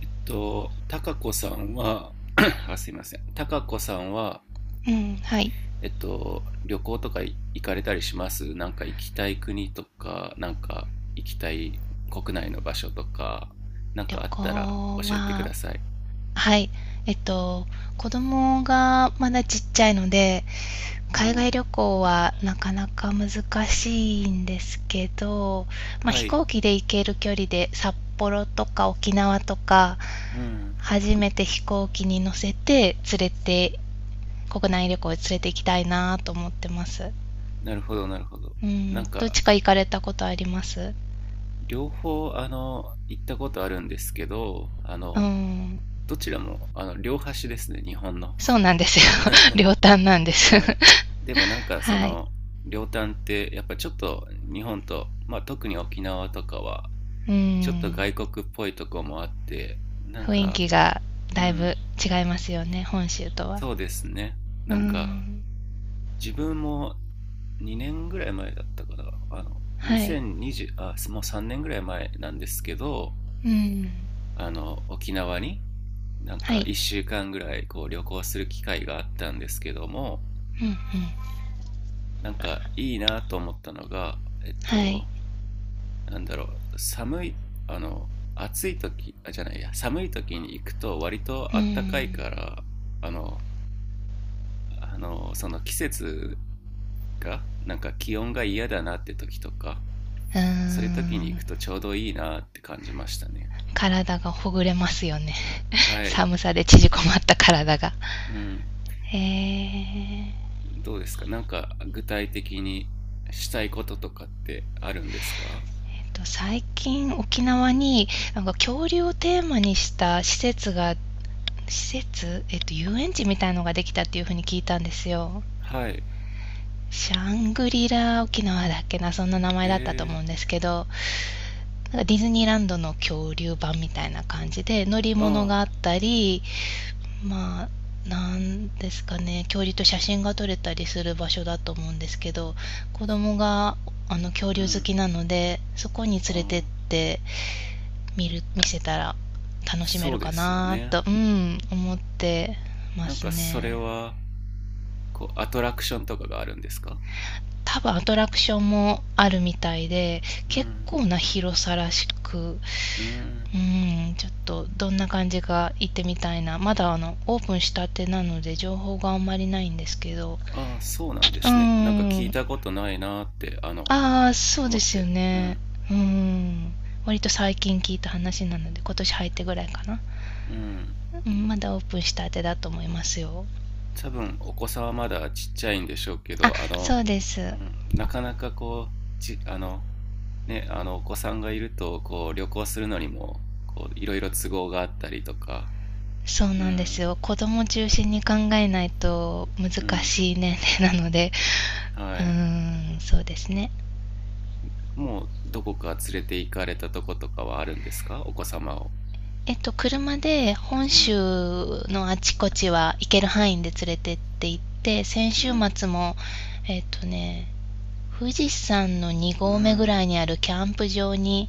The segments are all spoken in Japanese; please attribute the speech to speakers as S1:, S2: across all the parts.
S1: たかこさんは、あ、すいません。たかこさんは、
S2: うん、はい。
S1: 旅行とか行かれたりします？なんか行きたい国とか、なんか行きたい国内の場所とか、なん
S2: 旅
S1: かあったら
S2: 行
S1: 教えてく
S2: は、
S1: ださい。
S2: はい。えっと、子供がまだちっちゃいので、
S1: う
S2: 海外
S1: ん。
S2: 旅行はなかなか難しいんですけど、まあ、
S1: は
S2: 飛
S1: い。
S2: 行機で行ける距離で札幌とか沖縄とか、
S1: うん。
S2: 初めて飛行機に乗せて連れて、国内旅行へ連れて行きたいなと思ってます。
S1: なるほど、なるほど。
S2: う
S1: な
S2: ん。
S1: ん
S2: どっ
S1: か、
S2: ちか行かれたことあります？
S1: 両方、行ったことあるんですけど、
S2: うん。
S1: どちらも、両端ですね、日本の。
S2: そうなんですよ。両端なんで
S1: う
S2: す。
S1: ん、でもなんかそ
S2: はい。
S1: の両端ってやっぱちょっと日本と、まあ、特に沖縄とかは
S2: う
S1: ちょっと
S2: ん。
S1: 外国っぽいとこもあって、なん
S2: 雰囲
S1: か、
S2: 気が
S1: う
S2: だい
S1: ん、
S2: ぶ違いますよね、本州とは。
S1: そうですね。
S2: う
S1: なんか
S2: ん。
S1: 自分も2年ぐらい前だったから、
S2: はい。
S1: 2020、あ、もう3年ぐらい前なんですけど、
S2: うん。
S1: 沖縄になん
S2: は
S1: か
S2: い。
S1: 1週間ぐらいこう旅行する機会があったんですけども、
S2: うんうん。
S1: なんかいいなと思ったのが、えっ
S2: はい。
S1: となんだろう、寒い、暑い時、あ、じゃないや、寒い時に行くと割と
S2: う
S1: あったかい
S2: ん。
S1: から、あの、その季節が、なんか気温が嫌だなって時とか、
S2: うー
S1: そういう時に行
S2: ん。
S1: くとちょうどいいなって感じましたね。
S2: 体がほぐれますよね。
S1: はい。
S2: 寒さで縮こまった体が。
S1: うん。
S2: えー
S1: どうですか？なんか具体的にしたいこととかってあるんですか？
S2: 最近沖縄になんか恐竜をテーマにした施設、遊園地みたいのができたっていうふうに聞いたんですよ。
S1: はい。
S2: シャングリラ沖縄だっけな、そんな名前だったと
S1: へ
S2: 思うん
S1: え。
S2: ですけど、なんかディズニーランドの恐竜版みたいな感じで、乗り物
S1: ああ、
S2: があったり、まあ、なんですかね、恐竜と写真が撮れたりする場所だと思うんですけど、子供が恐
S1: う
S2: 竜好
S1: ん。
S2: きなので、そこに連
S1: あ
S2: れてっ
S1: あ、
S2: て見せたら楽しめ
S1: そう
S2: るか
S1: ですよ
S2: な
S1: ね。
S2: と、うん、思ってま
S1: なん
S2: す
S1: かそれ
S2: ね。
S1: は、こう、アトラクションとかがあるんですか？
S2: 多分アトラクションもあるみたいで、
S1: う
S2: 結
S1: ん。
S2: 構な広さらしく、
S1: うん。
S2: うん、ちょっとどんな感じか行ってみたいな。まだオープンしたてなので情報があんまりないんですけど。
S1: ああ、そうなんで
S2: うー
S1: すね。なんか聞い
S2: ん。
S1: たことないなーって、
S2: ああ、そう
S1: 思
S2: で
S1: っ
S2: すよ
S1: て。う
S2: ね。
S1: ん。
S2: うーん。割と最近聞いた話なので、今年入ってぐらいかな。
S1: うん。
S2: うん、まだオープンしたてだと思いますよ。
S1: 多分、お子さんはまだちっちゃいんでしょうけ
S2: あ、
S1: ど、
S2: そうで
S1: う
S2: す。
S1: ん、なかなかこう、ね、お子さんがいると、こう、旅行するのにも、こう、いろいろ都合があったりとか、
S2: そう
S1: う
S2: なんです
S1: ん、
S2: よ。子供中心に考えないと難
S1: うん、
S2: しい年齢 なので、
S1: は
S2: う
S1: い。
S2: ーん、そうですね。
S1: もう、どこか連れて行かれたとことかはあるんですか？お子様を。
S2: 車で本
S1: うん、
S2: 州のあちこちは行ける範囲で連れてって行って、先
S1: う
S2: 週
S1: ん、
S2: 末も、えっとね、富士山の2
S1: う
S2: 合目ぐ
S1: ん。
S2: らいにあるキャンプ場に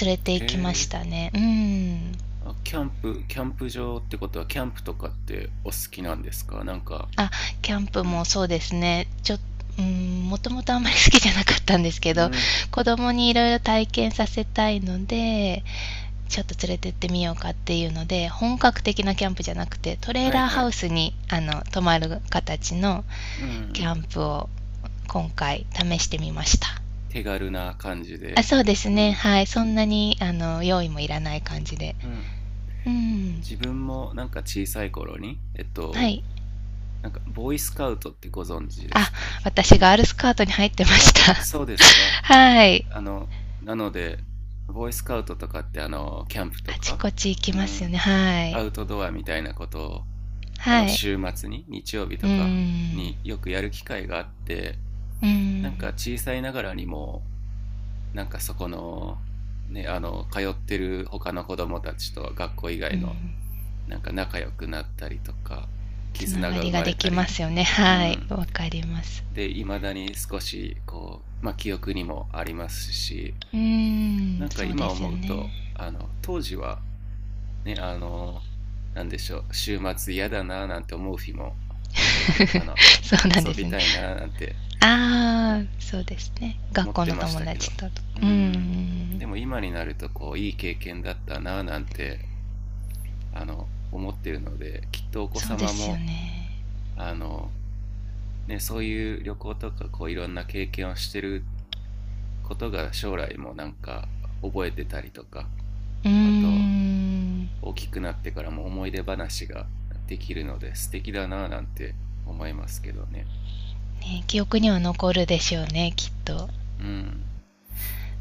S2: 連れて
S1: へ
S2: 行きまし
S1: え。
S2: たね。うん。
S1: あ、キャンプ場ってことは、キャンプとかってお好きなんですか？なんか、
S2: あ、キャンプ
S1: う
S2: も
S1: ん。
S2: そうですね。ちょうん、もともとあんまり好きじゃなかったんですけ
S1: う
S2: ど、
S1: ん。
S2: 子供にいろいろ体験させたいので、ちょっと連れてってみようかっていうので、本格的なキャンプじゃなくて、トレー
S1: はい
S2: ラー
S1: は
S2: ハウ
S1: い。
S2: スに、泊まる形の
S1: う
S2: キ
S1: ん。
S2: ャンプを今回試してみました。
S1: 手軽な感じ
S2: あ、
S1: で。
S2: そうです
S1: う
S2: ね。
S1: ん。
S2: はい。そんなに、用意もいらない感じで。
S1: うん。
S2: うん。
S1: 自分もなんか小さい頃に、
S2: はい。
S1: なんか、ボーイスカウトってご存知です
S2: あ、
S1: か？
S2: 私
S1: う
S2: ガ
S1: ん。
S2: ールスカートに入ってまし
S1: あ、
S2: た。
S1: そうですか。
S2: はい。
S1: あの、なので、ボーイスカウトとかって、キャンプと
S2: あち
S1: か、
S2: こち行き
S1: う
S2: ますよ
S1: ん、
S2: ね。はい。
S1: アウトドアみたいなことを、
S2: はい。
S1: 週末に、日曜日
S2: う
S1: とか
S2: ーん。
S1: によくやる機会があって、
S2: うー
S1: な
S2: ん。
S1: んか小さいながらにも、なんかそこの、ね、通ってる他の子供たちと学校以
S2: う
S1: 外
S2: ん。
S1: の、なんか仲良くなったりとか、
S2: つな
S1: 絆
S2: が
S1: が生
S2: りが
S1: ま
S2: で
S1: れた
S2: きま
S1: り、
S2: すよね。
S1: う
S2: はい。
S1: ん。
S2: わかります。
S1: で、いまだに少し、こう、まあ、記憶にもありますし、
S2: うー
S1: な
S2: ん。
S1: んか
S2: そう
S1: 今
S2: ですよ
S1: 思う
S2: ね。
S1: と、当時は、ね、なんでしょう、週末嫌だななんて思う日も、あ、
S2: そうなん
S1: 遊
S2: です
S1: び
S2: ね。
S1: たいななんて、う
S2: ああ、そうですね。
S1: 思
S2: 学
S1: っ
S2: 校
S1: て
S2: の
S1: まし
S2: 友
S1: たけ
S2: 達
S1: ど。
S2: と。う
S1: う
S2: ー
S1: ん。
S2: ん。
S1: でも今になると、こう、いい経験だったなぁなんて、思ってるので、きっとお子
S2: そうで
S1: 様
S2: すよ
S1: も、
S2: ね。
S1: あの、ね、そういう旅行とか、こう、いろんな経験をしてることが将来もなんか覚えてたりとか、
S2: うー
S1: あと、
S2: ん。ね、
S1: 大きくなってからも思い出話ができるので、素敵だなぁなんて思いますけどね。
S2: 記憶には残るでしょうね、きっと。
S1: うん。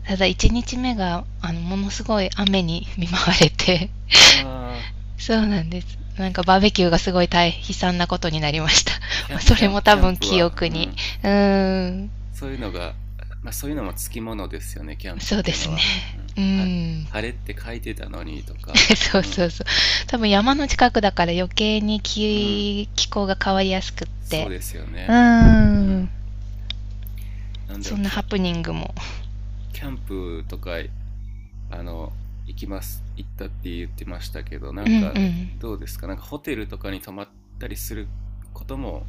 S2: ただ1日目がものすごい雨に見舞われて。
S1: ああ、
S2: そうなんです。なんかバーベキューがすごい大悲惨なことになりました。それも多
S1: キャン
S2: 分
S1: プ
S2: 記
S1: は、
S2: 憶
S1: う
S2: に。
S1: ん、
S2: うーん。
S1: そういうのが、まあ、そういうのもつきものですよね、キャンプっ
S2: そう
S1: て
S2: で
S1: いうの
S2: すね。
S1: は。うん、
S2: うーん。
S1: 晴れって書いてたのにと か、
S2: そう
S1: う
S2: そ
S1: ん、
S2: うそう。多分山の近くだから余計に
S1: うん、
S2: 気候が変わりやすくっ
S1: そう
S2: て。
S1: ですよ
S2: う
S1: ね。
S2: ー
S1: う
S2: ん。
S1: ん、なんだろ
S2: そ
S1: う、
S2: んなハプニングも。
S1: キャンプとか、あの、行きます、行ったって言ってましたけど、な
S2: う
S1: ん
S2: んう
S1: か
S2: ん。
S1: どうですか、なんかホテルとかに泊まったりすることも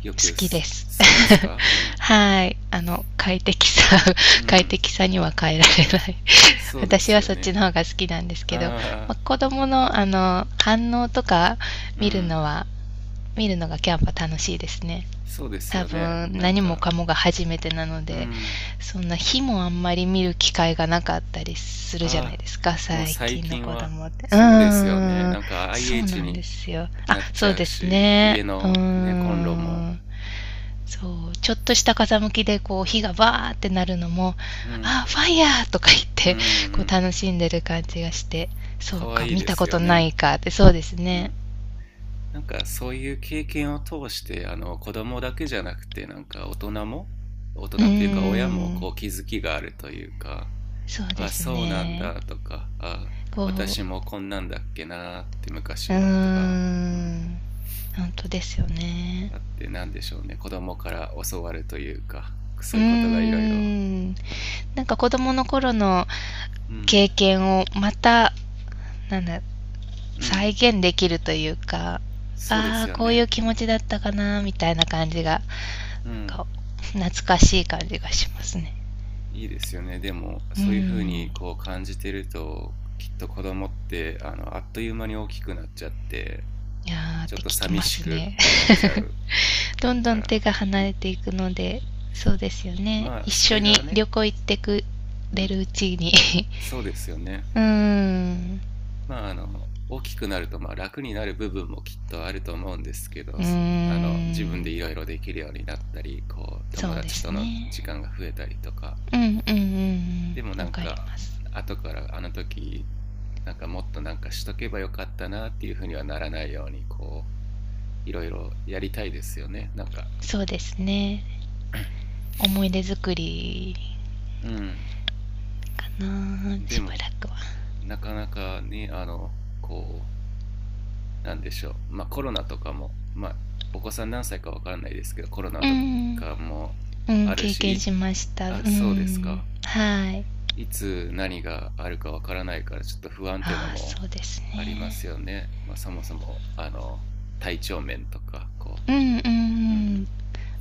S1: よく
S2: 好きです。
S1: 好きですか？う ん、
S2: はい。快適さ、
S1: う
S2: 快
S1: ん、
S2: 適さには変えられない
S1: そうで
S2: 私
S1: す
S2: は
S1: よ
S2: そっち
S1: ね。
S2: の方が好きなんですけど、まあ、
S1: ああ、
S2: 子供の、反応とか
S1: う
S2: 見る
S1: ん、
S2: のは、見るのがキャンパ楽しいですね。
S1: そうです
S2: 多
S1: よね。
S2: 分、
S1: なん
S2: 何も
S1: か、
S2: かもが初めてなの
S1: う
S2: で、
S1: ん。
S2: そんな日もあんまり見る機会がなかったりするじゃない
S1: ああ、
S2: ですか、
S1: もう
S2: 最
S1: 最
S2: 近の
S1: 近
S2: 子
S1: は、
S2: 供って。う
S1: そうですよね。
S2: ーん、
S1: なんか
S2: そう
S1: IH
S2: なんで
S1: に
S2: すよ。あ、
S1: なっち
S2: そう
S1: ゃう
S2: です
S1: し、
S2: ね。
S1: 家
S2: うー
S1: のね、コンロも、
S2: ん。そう、ちょっとした風向きでこう火がバーってなるのも、
S1: うん、
S2: あ、ファイヤーとか言っ
S1: うん、う
S2: て、こう
S1: ん、
S2: 楽しんでる感じがして、そ
S1: か
S2: う
S1: わ
S2: か、
S1: いい
S2: 見
S1: で
S2: た
S1: す
S2: こ
S1: よ
S2: とな
S1: ね。
S2: いかって、そうです
S1: う
S2: ね。
S1: ん。なんかそういう経験を通して、子供だけじゃなくて、なんか大人も、大
S2: うー
S1: 人というか親も
S2: ん、
S1: こう気づきがあるというか、
S2: そうで
S1: あ、
S2: す
S1: そうなん
S2: ね。
S1: だとか、あ、
S2: こ
S1: 私もこんなんだっけなって
S2: う、
S1: 昔
S2: うー
S1: はとか、うん、
S2: ん、本当ですよね。
S1: あってなんでしょうね？子供から教わるというか、そ
S2: うー
S1: ういうことがいろいろ、
S2: ん、なんか子供の頃の
S1: う
S2: 経
S1: ん、
S2: 験をまた、なんだ、
S1: う
S2: 再
S1: ん、
S2: 現できるというか、
S1: そうで
S2: あ
S1: す
S2: あ、
S1: よ
S2: こういう
S1: ね。う
S2: 気持
S1: ん、
S2: ちだったかな、みたいな感じが、な
S1: う
S2: ん
S1: ん、
S2: か、懐かしい感じがしますね。
S1: いいですよね。でも
S2: うー
S1: そういうふう
S2: ん。
S1: にこう感じてると、きっと子供ってあっという間に大きくなっちゃって
S2: いやーっ
S1: ちょっ
S2: て
S1: と
S2: 聞き
S1: 寂
S2: ま
S1: し
S2: す
S1: く
S2: ね
S1: なっちゃう
S2: どんど
S1: か
S2: ん
S1: ら、
S2: 手が
S1: う
S2: 離
S1: ん、
S2: れていくので、そうですよね。
S1: まあ
S2: 一
S1: そ
S2: 緒
S1: れ
S2: に
S1: がね、
S2: 旅行行ってく
S1: う
S2: れ
S1: ん、
S2: るうちに
S1: そうですよね。
S2: うーん。
S1: まあ、大きくなると、まあ、楽になる部分もきっとあると思うんですけど、
S2: うー
S1: そあの、自分で
S2: ん。
S1: いろいろできるようになったり、こう、友
S2: そうで
S1: 達
S2: す
S1: との
S2: ね。
S1: 時間が増えたりとか、
S2: うん、うん、うん、
S1: でも
S2: うん。
S1: な
S2: わ
S1: ん
S2: かり
S1: か、
S2: ます。
S1: 後からあの時、なんかもっとなんかしとけばよかったなっていうふうにはならないように、こう、いろいろやりたいですよね。なんか、
S2: そうですね。思い出作り
S1: うん。
S2: かな。
S1: で
S2: しば
S1: も、
S2: らくは。
S1: なかなかね、なんでしょう、まあ、コロナとかも、まあ、お子さん何歳かわからないですけど、コロナ
S2: う
S1: と
S2: ん。
S1: かも
S2: う
S1: あ
S2: ん、
S1: る
S2: 経験
S1: し、
S2: しました。う
S1: あ、そうです
S2: ん、
S1: か。
S2: はい。
S1: いつ何があるかわからないから、ちょっと不安っていうの
S2: ああ、
S1: も
S2: そうです
S1: ありま
S2: ね。
S1: すよね。まあ、そもそも、体調面とか、こ
S2: うん、うん、う
S1: う。うん。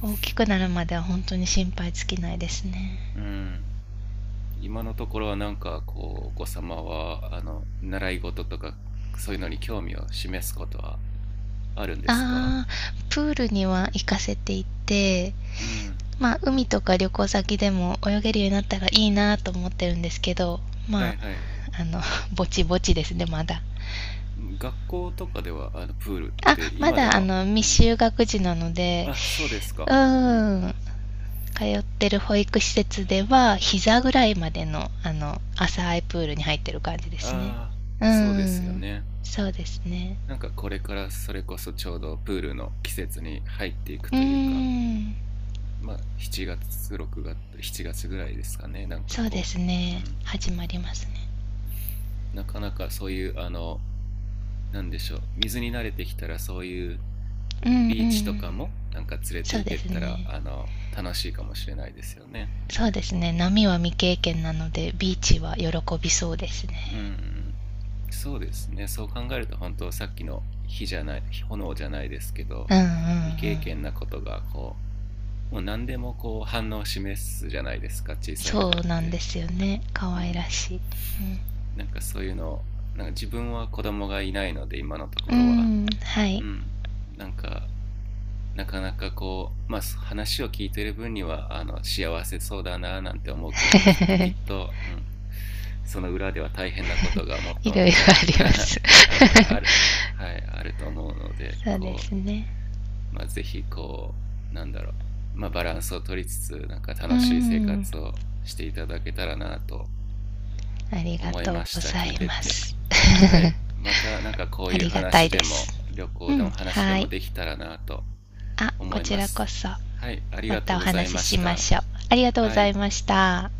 S2: ん。大きくなるまでは本当に心配尽きないですね。
S1: うん。今のところはなんか、こう、お子様は、習い事とか、そういうのに興味を示すことはあるんですか？
S2: ああ、プールには行かせていて、
S1: うん。
S2: まあ海とか旅行先でも泳げるようになったらいいなと思ってるんですけど、
S1: は
S2: まあ、
S1: いはい。
S2: あのぼちぼちですね、まだ。
S1: 学校とかではあのプールっ
S2: あ、
S1: て
S2: ま
S1: 今で
S2: だ
S1: も、うん、
S2: 未就学児なので、
S1: あ、そうです
S2: う
S1: か。うん。
S2: ーん、通ってる保育施設では、膝ぐらいまでの、浅いプールに入ってる感じですね。
S1: ああ、
S2: うー
S1: そうですよ
S2: ん、
S1: ね。
S2: そうですね。
S1: なんかこれからそれこそちょうどプールの季節に入っていく
S2: うー
S1: というか、
S2: ん、
S1: まあ7月、6月、7月ぐらいですかね。なんか
S2: そうで
S1: こ
S2: す
S1: う、う
S2: ね。
S1: ん。
S2: 始まりますね。
S1: なかなかそういう、なんでしょう。水に慣れてきたらそういう
S2: うんう
S1: ビーチと
S2: ん、
S1: かもなんか連れて
S2: そう
S1: 行
S2: で
S1: け
S2: す
S1: たら、
S2: ね。
S1: 楽しいかもしれないですよね。
S2: そうですね。波は未経験なので、ビーチは喜びそうです
S1: う
S2: ね。
S1: ん。そうですね。そう考えると本当さっきの火じゃない、炎じゃないですけど、
S2: うんうんうん。
S1: 未経験なことが、こう、もう何でもこう反応を示すじゃないですか、小さい
S2: そう
S1: 子っ
S2: なんで
S1: て。
S2: すよね。可
S1: う
S2: 愛
S1: ん、
S2: らしい。
S1: なんかそういうの、なんか自分は子供がいないので今のとこ
S2: う
S1: ろは、
S2: ん、うん、は
S1: う
S2: い。
S1: ん、なんかなかなかこう、まあ、話を聞いてる分には幸せそうだななんて思うけど、きっ と、うん、その裏では大変なことがもっ と
S2: い
S1: も
S2: ろ
S1: っ
S2: いろ
S1: と
S2: ありま す
S1: ある、ある、はい、あると思うので、
S2: そうで
S1: こ
S2: すね。
S1: う、まあ、ぜひこう、なんだろう、まあ、バランスを取りつつ、なんか
S2: う
S1: 楽しい生
S2: ん。
S1: 活をしていただけたらなと
S2: ありが
S1: 思い
S2: とう
S1: まし
S2: ご
S1: た、
S2: ざ
S1: 聞い
S2: い
S1: て
S2: ま
S1: て。
S2: す
S1: はい。 またなんかこう
S2: あ
S1: いう
S2: りがた
S1: 話
S2: い
S1: で
S2: で
S1: も
S2: す。
S1: 旅
S2: う
S1: 行で
S2: ん、
S1: も話で
S2: は
S1: も
S2: い。
S1: できたらなと
S2: あ、
S1: 思
S2: こ
S1: い
S2: ち
S1: ま
S2: らこ
S1: す。
S2: そ、
S1: はい。あり
S2: ま
S1: がと
S2: た
S1: う
S2: お
S1: ござい
S2: 話
S1: ま
S2: し
S1: し
S2: しまし
S1: た。
S2: ょう。ありがとうご
S1: は
S2: ざい
S1: い。
S2: ました。